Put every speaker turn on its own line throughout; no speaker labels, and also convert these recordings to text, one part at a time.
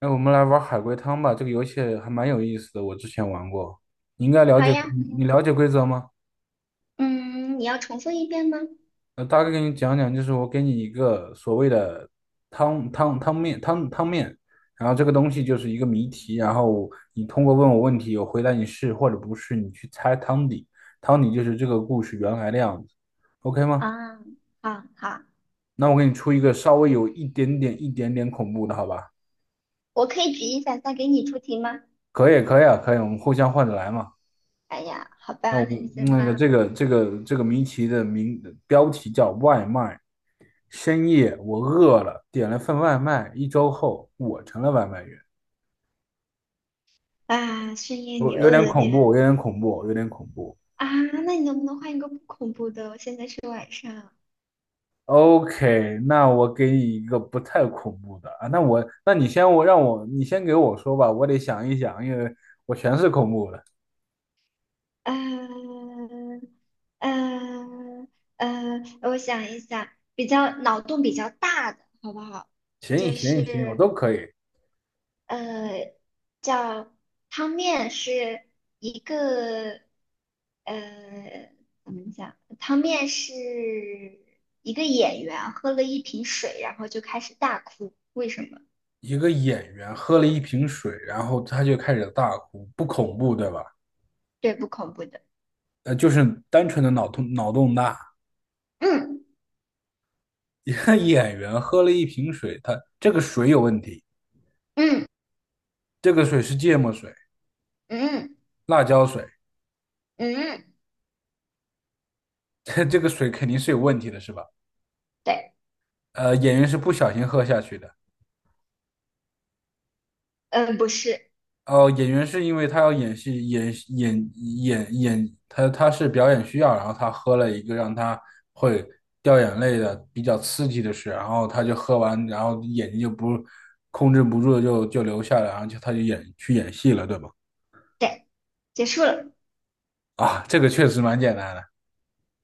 哎，我们来玩海龟汤吧，这个游戏还蛮有意思的，我之前玩过。你应该了
好
解，
呀，
你
好呀。
你了解规则吗？
嗯，你要重复一遍吗？
大概给你讲讲，就是我给你一个所谓的汤面，然后这个东西就是一个谜题，然后你通过问我问题，我回答你是或者不是，你去猜汤底，汤底就是这个故事原来的样子，OK 吗？
啊，好好，
那我给你出一个稍微有一点点恐怖的，好吧？
我可以举一反三给你出题吗？
可以，可以啊，可以，我们互相换着来嘛。
哎呀，好
那
吧，
我
那你
们
先
那个
吧。
这个这个这个谜题的标题叫外卖。深夜我饿了，点了份外卖。一周后，我成了外卖员。
啊，深夜你
我有
饿
点
了
恐
点。
怖，有点恐怖，有点恐怖。
啊？那你能不能换一个不恐怖的？我现在是晚上。
OK，那我给你一个不太恐怖的啊。那我，那你先我让我你先给我说吧，我得想一想，因为我全是恐怖的。
嗯嗯嗯。我想一想，比较脑洞比较大的，好不好？
行
就
行行，我
是
都可以。
呃，叫汤面是一个，呃，怎么讲？汤面是一个演员喝了一瓶水，然后就开始大哭，为什么？
一个演员喝了一瓶水，然后他就开始大哭，不恐怖对吧？
对，不恐怖的。
就是单纯的脑洞大。
嗯
一个演员喝了一瓶水，他这个水有问题，
嗯
这个水是芥末水、
嗯
辣椒水，
嗯。嗯，
这个水肯定是有问题的，是吧？
对。
演员是不小心喝下去的。
嗯，不是。
哦，演员是因为他要演戏，演演演演，他他是表演需要，然后他喝了一个让他会掉眼泪的比较刺激的事，然后他就喝完，然后眼睛就不控制不住就流下来，然后他就去演戏了，对吧？
对，结束了。
啊，这个确实蛮简单的。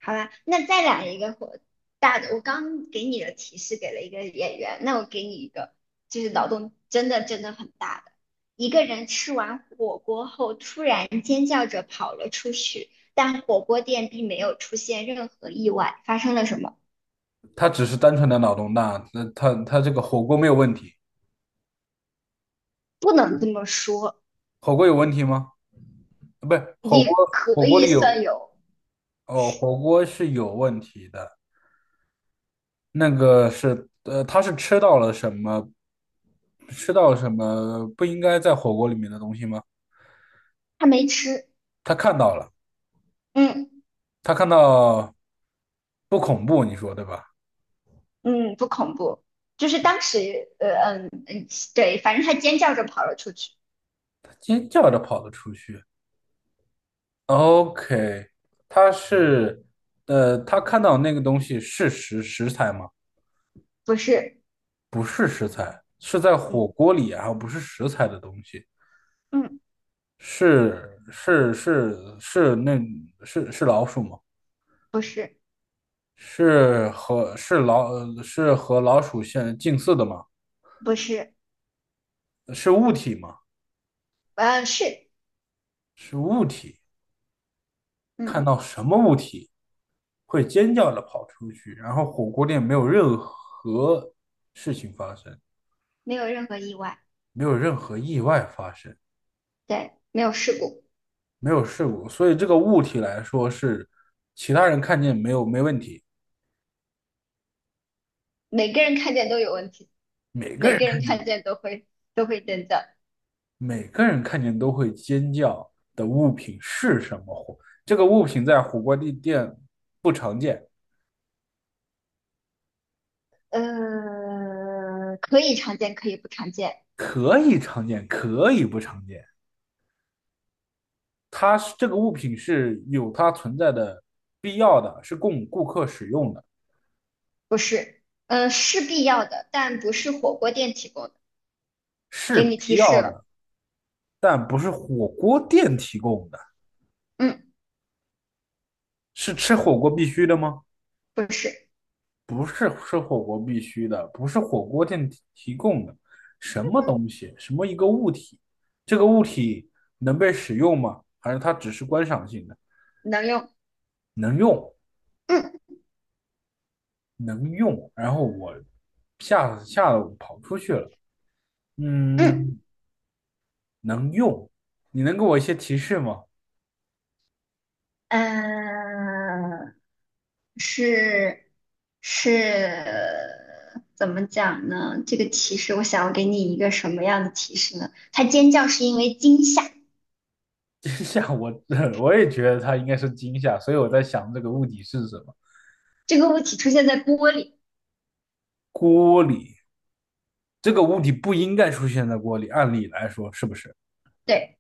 好吧，那再来一个火大的。我刚给你的提示给了一个演员，那我给你一个，就是脑洞真的真的很大的。一个人吃完火锅后，突然尖叫着跑了出去，但火锅店并没有出现任何意外，发生了什么？
他只是单纯的脑洞大，那他这个火锅没有问题，
不能这么说。
火锅有问题吗？不是，
也
火
可
锅
以
里有
算有。
哦，火锅是有问题的，那个是他是吃到了什么，吃到了什么不应该在火锅里面的东西吗？
他没吃。
他看到了，
嗯
他看到不恐怖，你说对吧？
嗯，不恐怖。就是当时，嗯嗯，对，反正他尖叫着跑了出去。
他尖叫着跑了出去。OK，他是他看到那个东西是食材吗？
不是。
不是食材，是在火
嗯
锅里啊，然后不是食材的东西，
嗯。
是是是是那，是是老鼠吗？
不是。
是和是老是和老鼠相近似的吗？
不是，
是物体吗？
是。
是物体，看
嗯，
到什么物体会尖叫的跑出去，然后火锅店没有任何事情发生，
没有任何意外。
没有任何意外发生，
对，没有事故。
没有事故，所以这个物体来说是其他人看见没有没问题。
每个人看见都有问题。
每个
每
人。
个人看见都会真的。
每个人看见都会尖叫的物品是什么火？这个物品在火锅地店不常见，
可以常见，可以不常见。
可以常见，可以不常见。这个物品是有它存在的必要的，是供顾客使用的，
不是，是必要的，但不是火锅店提供的。
是
给你提
必
示
要
了。
的，但不是火锅店提供的，
嗯，
是吃火锅必须的吗？
不是。
不是吃火锅必须的，不是火锅店提供的，什么东西，什么一个物体，这个物体能被使用吗？还是它只是观赏性的？
能用。
能用，
嗯
能用。然后我吓得我跑出去了。
嗯。
嗯，能用，你能给我一些提示吗？
嗯，是是，怎么讲呢？这个提示，我想要给你一个什么样的提示呢？他尖叫是因为惊吓。
惊吓我，我也觉得它应该是惊吓，所以我在想这个物体是什么？
这个物体出现在玻璃。
锅里，这个物体不应该出现在锅里，按理来说是不是？
对。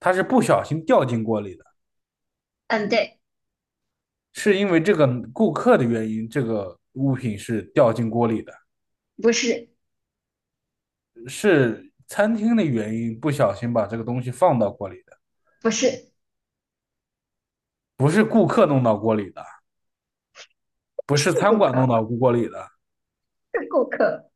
他是不小心掉进锅里的，
嗯，对。
是因为这个顾客的原因，这个物品是掉进锅里的，
不是。
是餐厅的原因不小心把这个东西放到锅里的，
不是。
不是顾客弄到锅里的，不
是
是餐
顾
馆弄
客，
到锅里的，
是顾客。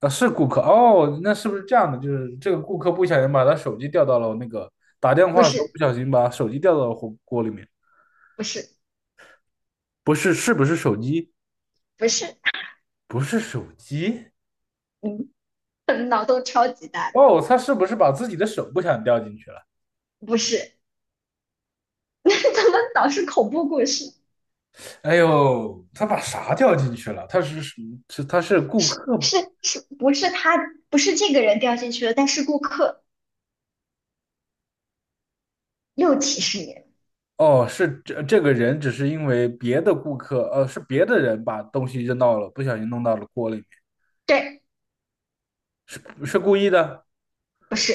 啊，是顾客哦，那是不是这样的？就是这个顾客不小心把他手机掉到了那个打电
不
话的时候不
是。
小心把手机掉到了火锅里面，
不是。
不是，是不是手机？
不是。
不是手机
嗯，可能脑洞超级大的。
哦，他是不是把自己的手不小心掉进去了？
不是。怎么老是恐怖故事？
哎呦，他把啥掉进去了？是他是顾
是
客吧？
是是，不是他。不是这个人掉进去了，但是顾客。又提示你。
哦，这个人只是因为别的顾客，是别的人把东西扔到了，不小心弄到了锅里面，
对。
是是故意的？
不是。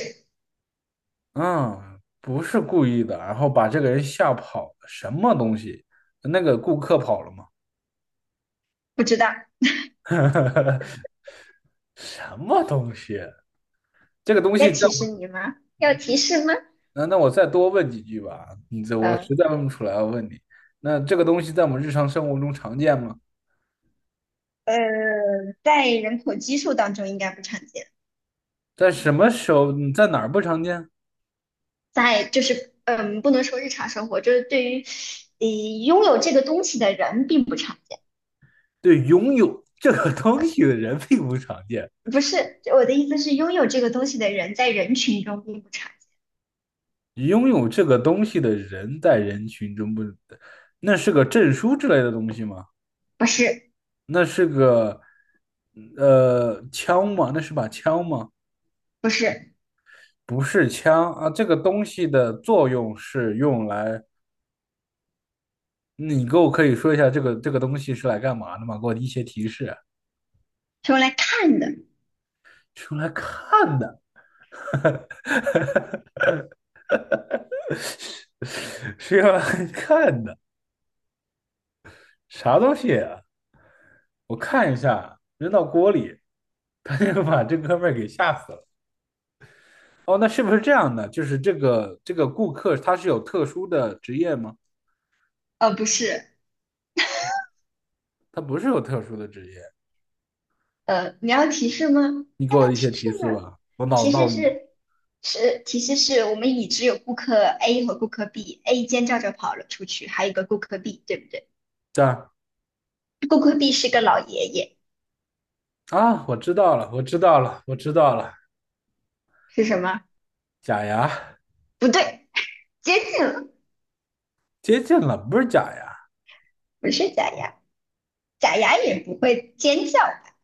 嗯，不是故意的，然后把这个人吓跑了什么东西？那个顾客跑了吗？
不知道。
什么东西？这个东
在
西在……
提示你吗？要提示吗？
那那我再多问几句吧，你这我
呃，
实在问不出来，我问你，那这个东西在我们日常生活中常见吗？
呃，在人口基数当中应该不常见。
在什么时候，你在哪儿不常见？
在就是不能说日常生活，就是对于呃拥有这个东西的人并不常见。
对，拥有这个东西的人并不常见，
不是，我的意思是拥有这个东西的人在人群中并不常见。
拥有这个东西的人在人群中不，那是个证书之类的东西吗？
不是。
那是个枪吗？那是把枪吗？
不是。
不是枪啊，这个东西的作用是用来，你给我可以说一下这个东西是来干嘛的吗？给我一些提示啊，
是用来看的。
是用来看的，是用来看的。啥东西？我看一下，扔到锅里，他就把这哥们儿给吓死了。哦，那是不是这样的？就是这个顾客他是有特殊的职业吗？
不是。
他不是有特殊的职业，
你要提示吗？
你给
要
我一些
提示
提示
吗？
吧。我脑
提示
到底
是是提示是我们已知有顾客 A 和顾客 B，A 尖叫着跑了出去，还有一个顾客 B，对不对？
这儿
顾客 B 是个老爷爷，
啊，我知道了，我知道了，我知道了。
是什么？
假牙
不对。接近了。
接近了，不是假牙，
不是假牙。假牙也不会尖叫吧？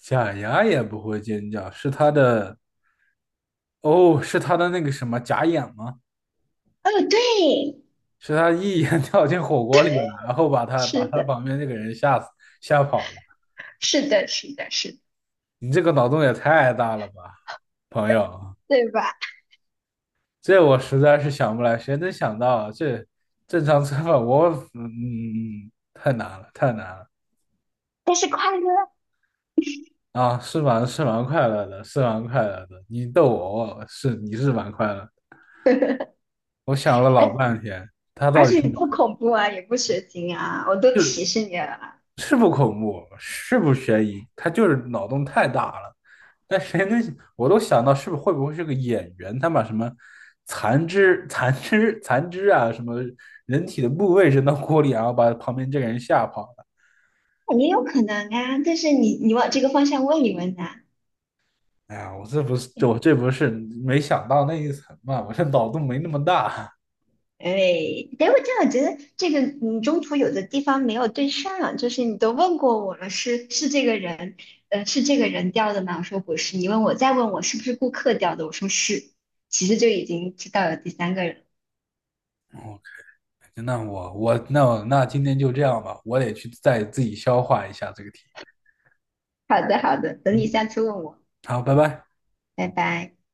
假牙也不会尖叫，是他的哦，是他的那个什么假眼吗？
哦，对。
是他一眼 跳进火锅里了，然后把他把
是
他
的，
旁边那个人吓跑了。
是的，是的，是的，
你这个脑洞也太大了吧，朋友！
对吧？
这我实在是想不来，谁能想到啊这正常吃饭？我嗯嗯嗯，太难了，太难了
但是快乐。
啊！是蛮快乐的，是蛮快乐的。你逗我，我是你是蛮快乐的我想了
而
老半天，他
而
到底
且
是。
不恐怖啊，也不血腥啊，我都提示你了。
是不恐怖，是不悬疑，他就是脑洞太大了。但谁能，我都想到会不会是个演员，他把什么残肢啊，什么人体的部位扔到锅里，然后把旁边这个人吓跑了。
也有可能啊，但是你往这个方向问一问呐。
哎呀，我这不是没想到那一层嘛，我这脑洞没那么大。
哎，等会这样，我觉得这个你中途有的地方没有对上，就是你都问过我了，是这个人，是这个人掉的吗？我说不是。你问我再问我是不是顾客掉的，我说是，其实就已经知道了第三个人。
我那我我那我那今天就这样吧，我得去再自己消化一下这个题。
好的好的，等你
嗯，
下次问我。
好，拜拜。
拜拜。